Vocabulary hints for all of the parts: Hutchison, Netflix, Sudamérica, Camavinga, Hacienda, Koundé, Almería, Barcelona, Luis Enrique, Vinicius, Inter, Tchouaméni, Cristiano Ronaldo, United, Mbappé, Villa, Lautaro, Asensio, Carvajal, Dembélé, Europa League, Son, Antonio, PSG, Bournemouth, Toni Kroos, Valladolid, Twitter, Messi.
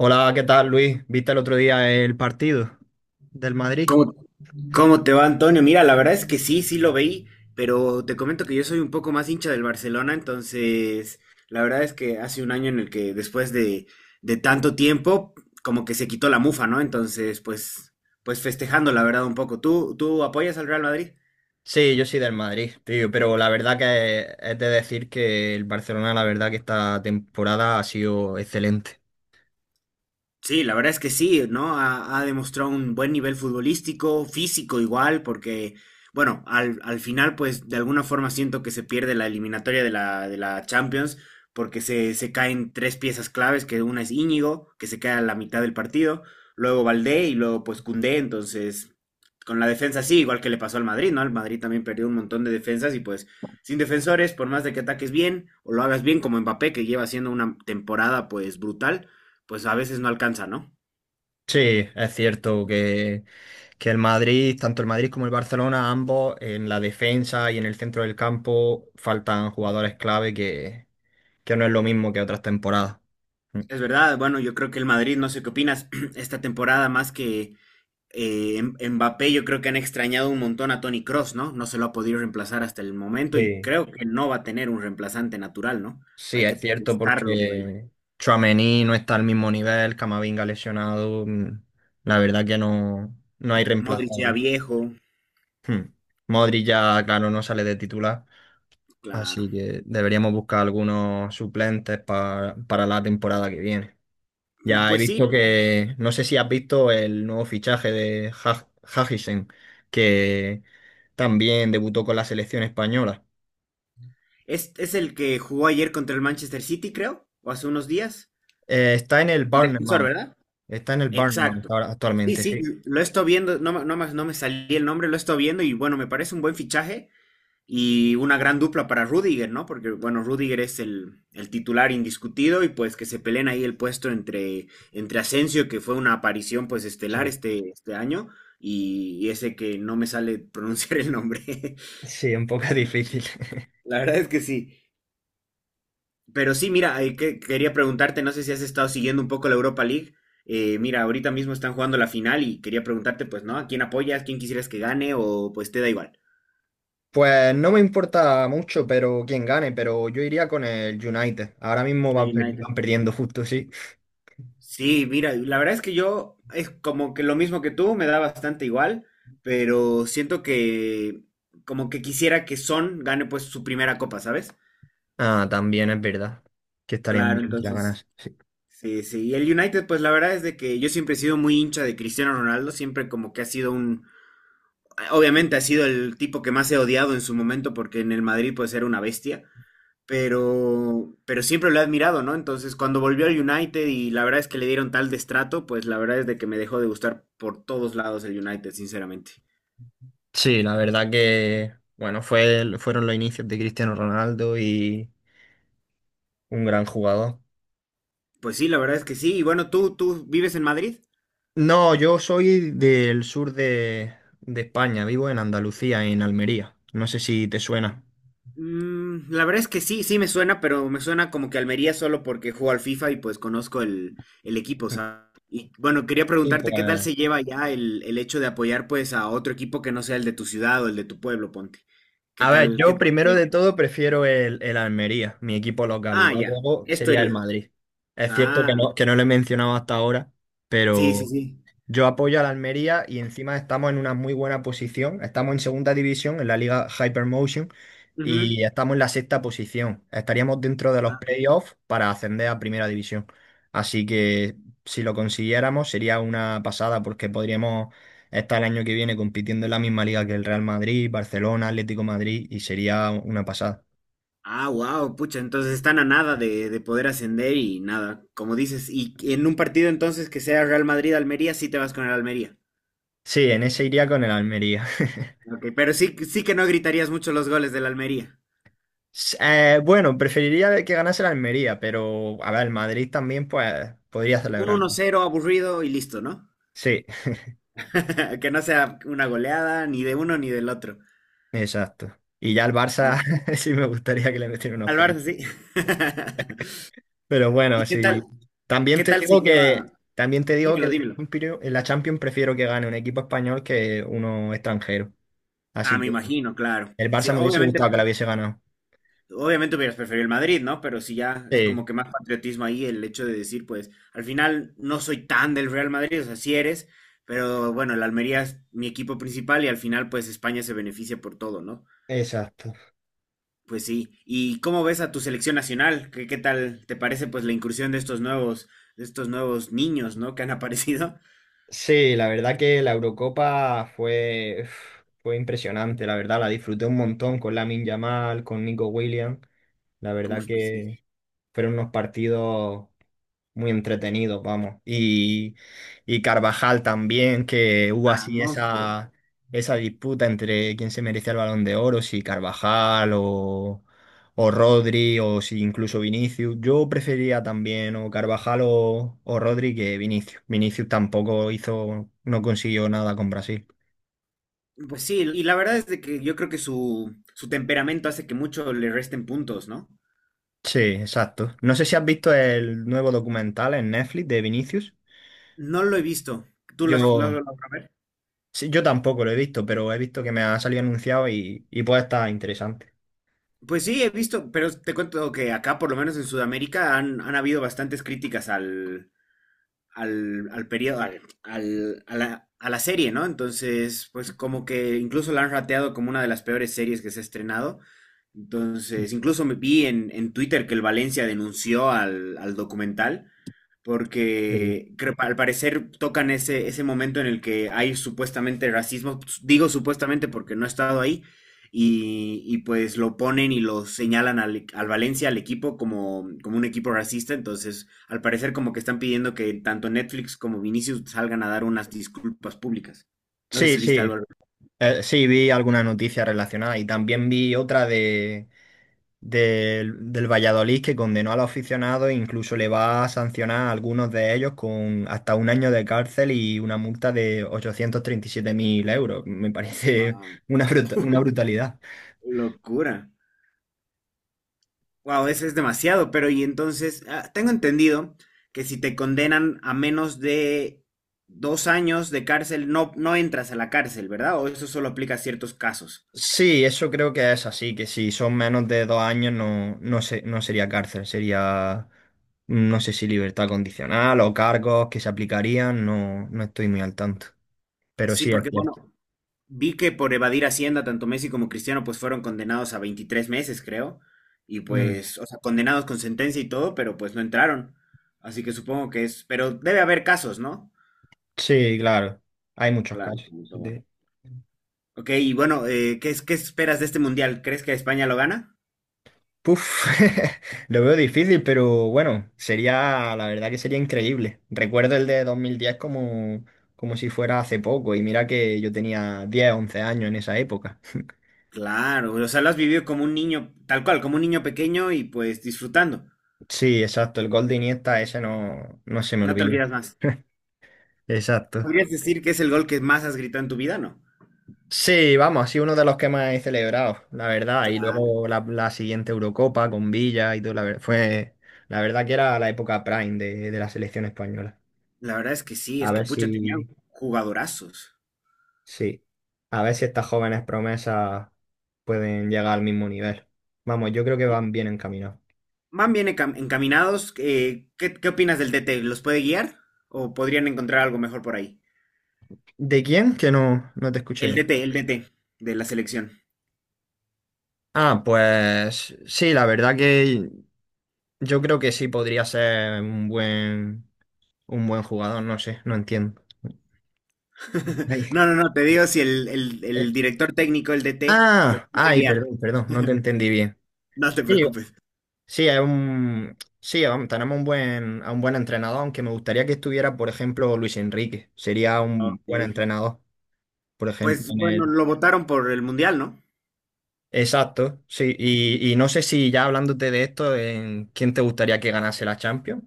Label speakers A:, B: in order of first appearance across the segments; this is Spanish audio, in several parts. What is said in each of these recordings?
A: Hola, ¿qué tal, Luis? ¿Viste el otro día el partido del Madrid?
B: ¿Cómo, cómo te va, Antonio? Mira, la verdad es que sí, sí lo veí, pero te comento que yo soy un poco más hincha del Barcelona, entonces la verdad es que hace un año en el que después de tanto tiempo, como que se quitó la mufa, ¿no? Entonces, pues festejando, la verdad, un poco. ¿Tú apoyas al Real Madrid?
A: Sí, yo soy del Madrid, tío, pero la verdad que es de decir que el Barcelona, la verdad que esta temporada ha sido excelente.
B: Sí, la verdad es que sí, ¿no? Ha demostrado un buen nivel futbolístico, físico igual, porque, bueno, al final, pues de alguna forma siento que se pierde la eliminatoria de la Champions, porque se caen tres piezas claves, que una es Íñigo, que se queda a la mitad del partido, luego Valdé y luego pues Koundé. Entonces con la defensa sí, igual que le pasó al Madrid, ¿no? Al Madrid también perdió un montón de defensas y pues sin defensores, por más de que ataques bien o lo hagas bien como Mbappé, que lleva haciendo una temporada pues brutal, pues a veces no alcanza, ¿no?
A: Sí, es cierto que el Madrid, tanto el Madrid como el Barcelona, ambos en la defensa y en el centro del campo faltan jugadores clave que no es lo mismo que otras temporadas. Mm.
B: Es verdad. Bueno, yo creo que el Madrid, no sé qué opinas, esta temporada más que Mbappé, yo creo que han extrañado un montón a Toni Kroos, ¿no? No se lo ha podido reemplazar hasta el momento y
A: Sí.
B: creo que no va a tener un reemplazante natural, ¿no?
A: Sí,
B: Hay
A: es
B: que
A: cierto
B: buscarlo por ahí.
A: porque Tchouaméni no está al mismo nivel, Camavinga lesionado, la verdad que no, no hay
B: Modric ya
A: reemplazable.
B: viejo,
A: Hmm. Modric ya, claro, no sale de titular,
B: claro.
A: así que deberíamos buscar algunos suplentes para la temporada que viene. Ya he
B: Pues sí,
A: visto que, no sé si has visto el nuevo fichaje de Hutchison, que también debutó con la selección española.
B: es el que jugó ayer contra el Manchester City, creo, o hace unos días.
A: Está en el
B: El defensor,
A: Bournemouth,
B: ¿verdad? Exacto. Sí,
A: actualmente,
B: sí,
A: sí.
B: lo estoy viendo, no me salí el nombre, lo estoy viendo y bueno, me parece un buen fichaje. Y una gran dupla para Rudiger, ¿no? Porque, bueno, Rudiger es el titular indiscutido y pues que se peleen ahí el puesto entre Asensio, que fue una aparición pues estelar
A: Sí,
B: este año, y ese que no me sale pronunciar el nombre.
A: sí, un poco difícil.
B: La verdad es que sí. Pero sí, mira, quería preguntarte, no sé si has estado siguiendo un poco la Europa League. Mira, ahorita mismo están jugando la final y quería preguntarte, pues, ¿no? ¿A quién apoyas? ¿Quién quisieras que gane? O pues te da igual.
A: Pues no me importa mucho, pero quién gane, pero yo iría con el United. Ahora mismo
B: Sí, United.
A: van perdiendo justo, sí.
B: Sí, mira, la verdad es que yo es como que lo mismo que tú, me da bastante igual, pero siento que como que quisiera que Son gane pues su primera copa, ¿sabes?
A: Ah, también es verdad que estaría muy
B: Claro,
A: bien que la
B: entonces,
A: ganase, sí.
B: sí, sí. Y el United, pues la verdad es de que yo siempre he sido muy hincha de Cristiano Ronaldo, siempre como que ha sido un, obviamente ha sido el tipo que más he odiado en su momento porque en el Madrid pues era una bestia, pero siempre lo he admirado, ¿no? Entonces, cuando volvió al United y la verdad es que le dieron tal destrato, pues la verdad es de que me dejó de gustar por todos lados el United, sinceramente.
A: Sí, la verdad que, bueno, fueron los inicios de Cristiano Ronaldo y un gran jugador.
B: Pues sí, la verdad es que sí. Y bueno, ¿tú vives en Madrid?
A: No, yo soy del sur de España, vivo en Andalucía, en Almería. No sé si te suena.
B: La verdad es que sí, sí me suena, pero me suena como que Almería solo porque juego al FIFA y pues conozco el equipo, ¿sabes? Y bueno, quería
A: Sí, pues.
B: preguntarte qué tal se lleva ya el hecho de apoyar pues a otro equipo que no sea el de tu ciudad o el de tu pueblo, ponte. ¿Qué
A: A ver,
B: tal? ¿Qué
A: yo
B: tal? se
A: primero de
B: lleva?
A: todo prefiero el Almería, mi equipo local, y
B: Ah,
A: ya
B: ya.
A: luego
B: Esto
A: sería el
B: iría.
A: Madrid. Es cierto que
B: Ah,
A: no lo he mencionado hasta ahora,
B: sí, sí,
A: pero
B: sí.
A: yo apoyo a la Almería y encima estamos en una muy buena posición. Estamos en segunda división, en la liga Hypermotion,
B: Ujú.
A: y estamos en la sexta posición. Estaríamos dentro de los
B: Ah, ok.
A: playoffs para ascender a primera división. Así que si lo consiguiéramos sería una pasada porque podríamos estar el año que viene compitiendo en la misma liga que el Real Madrid, Barcelona, Atlético Madrid, y sería una pasada.
B: Ah, wow, pucha, entonces están a nada de poder ascender y nada, como dices, y en un partido entonces que sea Real Madrid-Almería, sí te vas con el Almería.
A: Sí, en ese iría con el Almería.
B: Ok, pero sí, sí que no gritarías mucho los goles del Almería.
A: Bueno, preferiría que ganase el Almería, pero a ver, el Madrid también pues podría
B: Un
A: celebrar.
B: 1-0 aburrido y listo, ¿no?
A: Sí,
B: Que no sea una goleada ni de uno ni del otro.
A: exacto. Y ya el
B: No.
A: Barça sí me gustaría que le metieran unos
B: Al Barça
A: cuantos.
B: sí.
A: Pero
B: ¿Y
A: bueno,
B: qué
A: sí.
B: tal,
A: También
B: qué
A: te
B: tal se
A: digo
B: lleva?
A: que también te digo que
B: Dímelo,
A: en la
B: dímelo.
A: Champions en la Champions prefiero que gane un equipo español que uno extranjero.
B: Ah,
A: Así
B: me
A: que
B: imagino, claro.
A: el
B: Sí,
A: Barça me hubiese gustado
B: obviamente
A: que la hubiese ganado.
B: Obviamente hubieras preferido el Madrid, ¿no? Pero si ya es como
A: Sí,
B: que más patriotismo ahí el hecho de decir, pues, al final no soy tan del Real Madrid, o sea, sí eres, pero bueno, el Almería es mi equipo principal y al final, pues, España se beneficia por todo, ¿no?
A: exacto.
B: Pues sí. ¿Y cómo ves a tu selección nacional? ¿Qué tal te parece, pues, la incursión de estos nuevos, niños, ¿no? Que han aparecido.
A: Sí, la verdad que la Eurocopa fue impresionante, la verdad, la disfruté un montón con Lamin Yamal, con Nico Williams. La verdad
B: Pues sí.
A: que fueron unos partidos muy entretenidos, vamos. Y Carvajal también, que hubo
B: Ah,
A: así
B: monstruo.
A: esa disputa entre quién se merecía el Balón de Oro, si Carvajal o Rodri o si incluso Vinicius. Yo prefería también o Carvajal o Rodri que Vinicius. Vinicius tampoco no consiguió nada con Brasil.
B: Pues sí, y la verdad es de que yo creo que su temperamento hace que mucho le resten puntos, ¿no?
A: Sí, exacto. No sé si has visto el nuevo documental en Netflix de Vinicius.
B: No lo he visto. ¿Tú las lo has
A: Yo,
B: logrado ver?
A: Sí, yo tampoco lo he visto, pero he visto que me ha salido anunciado y puede estar interesante.
B: Pues sí, he visto, pero te cuento que acá, por lo menos en Sudamérica, han habido bastantes críticas al periodo, a la serie, ¿no? Entonces, pues como que incluso la han rateado como una de las peores series que se ha estrenado. Entonces, incluso me vi en Twitter que el Valencia denunció al documental,
A: Sí.
B: porque al parecer tocan ese momento en el que hay supuestamente racismo, pues, digo supuestamente porque no he estado ahí, y pues lo ponen y lo señalan al Valencia, al equipo, como un equipo racista, entonces al parecer como que están pidiendo que tanto Netflix como Vinicius salgan a dar unas disculpas públicas. No sé
A: Sí,
B: si viste algo
A: sí,
B: al respecto.
A: sí, vi alguna noticia relacionada y también vi otra de, del del Valladolid que condenó a los aficionados e incluso le va a sancionar a algunos de ellos con hasta un año de cárcel y una multa de 837.000 euros. Me parece
B: Guau,
A: una brutalidad.
B: locura. Wow, eso es demasiado, pero y entonces, ah, tengo entendido que si te condenan a menos de 2 años de cárcel, no, no entras a la cárcel, ¿verdad? O eso solo aplica a ciertos casos.
A: Sí, eso creo que es así, que si son menos de 2 años no, no, no sería cárcel, sería, no sé si libertad condicional o cargos que se aplicarían, no, no estoy muy al tanto, pero
B: Sí,
A: sí es
B: porque bueno,
A: cierto.
B: vi que por evadir Hacienda, tanto Messi como Cristiano, pues fueron condenados a 23 meses, creo, y
A: Mm.
B: pues, o sea, condenados con sentencia y todo, pero pues no entraron. Así que supongo que es, pero debe haber casos, ¿no?
A: Sí, claro, hay muchos
B: Claro,
A: casos
B: como todo. Ok, y bueno, ¿qué esperas de este mundial? ¿Crees que España lo gana?
A: Puf, lo veo difícil, pero bueno, sería, la verdad que sería increíble. Recuerdo el de 2010 como si fuera hace poco, y mira que yo tenía 10 11 años en esa época.
B: Claro, o sea, lo has vivido como un niño, tal cual, como un niño pequeño y pues disfrutando.
A: Sí, exacto, el gol de Iniesta ese no, no se me
B: No te
A: olvida.
B: olvidas más.
A: Exacto.
B: Podrías decir que es el gol que más has gritado en tu vida, ¿no?
A: Sí, vamos, ha sido uno de los que más he celebrado, la verdad. Y
B: Claro,
A: luego la siguiente Eurocopa con Villa y todo, la verdad que era la época prime de la selección española.
B: la verdad es que sí,
A: A
B: es que
A: ver
B: pucha, tenían
A: si,
B: jugadorazos.
A: sí, a ver si estas jóvenes promesas pueden llegar al mismo nivel. Vamos, yo creo que
B: Y
A: van bien encaminados.
B: van bien encaminados. ¿Qué opinas del DT? ¿Los puede guiar? ¿O podrían encontrar algo mejor por ahí?
A: ¿De quién? Que no, no te escuché
B: El
A: bien.
B: DT, el DT de la selección.
A: Ah, pues sí, la verdad que yo creo que sí podría ser un buen jugador, no sé, no entiendo. Ay,
B: No, no, no, te digo si el
A: eh,
B: director técnico, el DT, los
A: ah,
B: puede
A: ay,
B: guiar.
A: perdón, perdón, no te entendí bien.
B: No te
A: Sí,
B: preocupes.
A: sí, sí, vamos, tenemos a un buen entrenador, aunque me gustaría que estuviera, por ejemplo, Luis Enrique. Sería un
B: Ok.
A: buen entrenador, por ejemplo,
B: Pues
A: en
B: bueno,
A: el...
B: lo votaron por el Mundial, ¿no?
A: Exacto, sí. Y no sé si ya hablándote de esto, ¿en quién te gustaría que ganase la Champions?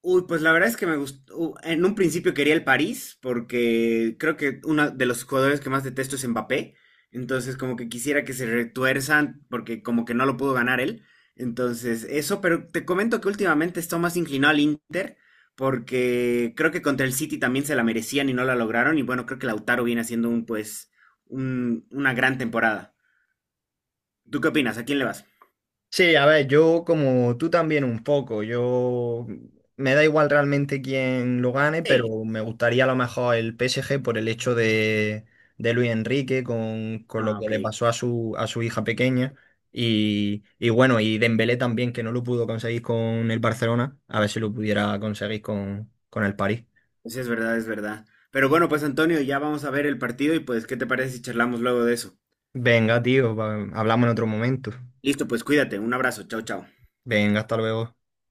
B: Uy, pues la verdad es que me gustó. En un principio quería el París, porque creo que uno de los jugadores que más detesto es Mbappé. Entonces, como que quisiera que se retuerzan, porque como que no lo pudo ganar él. Entonces, eso, pero te comento que últimamente estoy más inclinado al Inter, porque creo que contra el City también se la merecían y no la lograron. Y bueno, creo que Lautaro viene haciendo un, pues, una gran temporada. ¿Tú qué opinas? ¿A quién le vas?
A: Sí, a ver, yo como tú también un poco, yo me da igual realmente quién lo gane,
B: Sí.
A: pero me gustaría a lo mejor el PSG por el hecho de Luis Enrique con lo
B: Ah,
A: que
B: ok.
A: le pasó a su hija pequeña y bueno, y Dembélé también que no lo pudo conseguir con el Barcelona, a ver si lo pudiera conseguir con el París.
B: Sí, es verdad, es verdad. Pero bueno, pues Antonio, ya vamos a ver el partido y pues, ¿qué te parece si charlamos luego de eso?
A: Venga, tío, hablamos en otro momento.
B: Listo, pues cuídate, un abrazo, chao, chao.
A: Venga, hasta luego.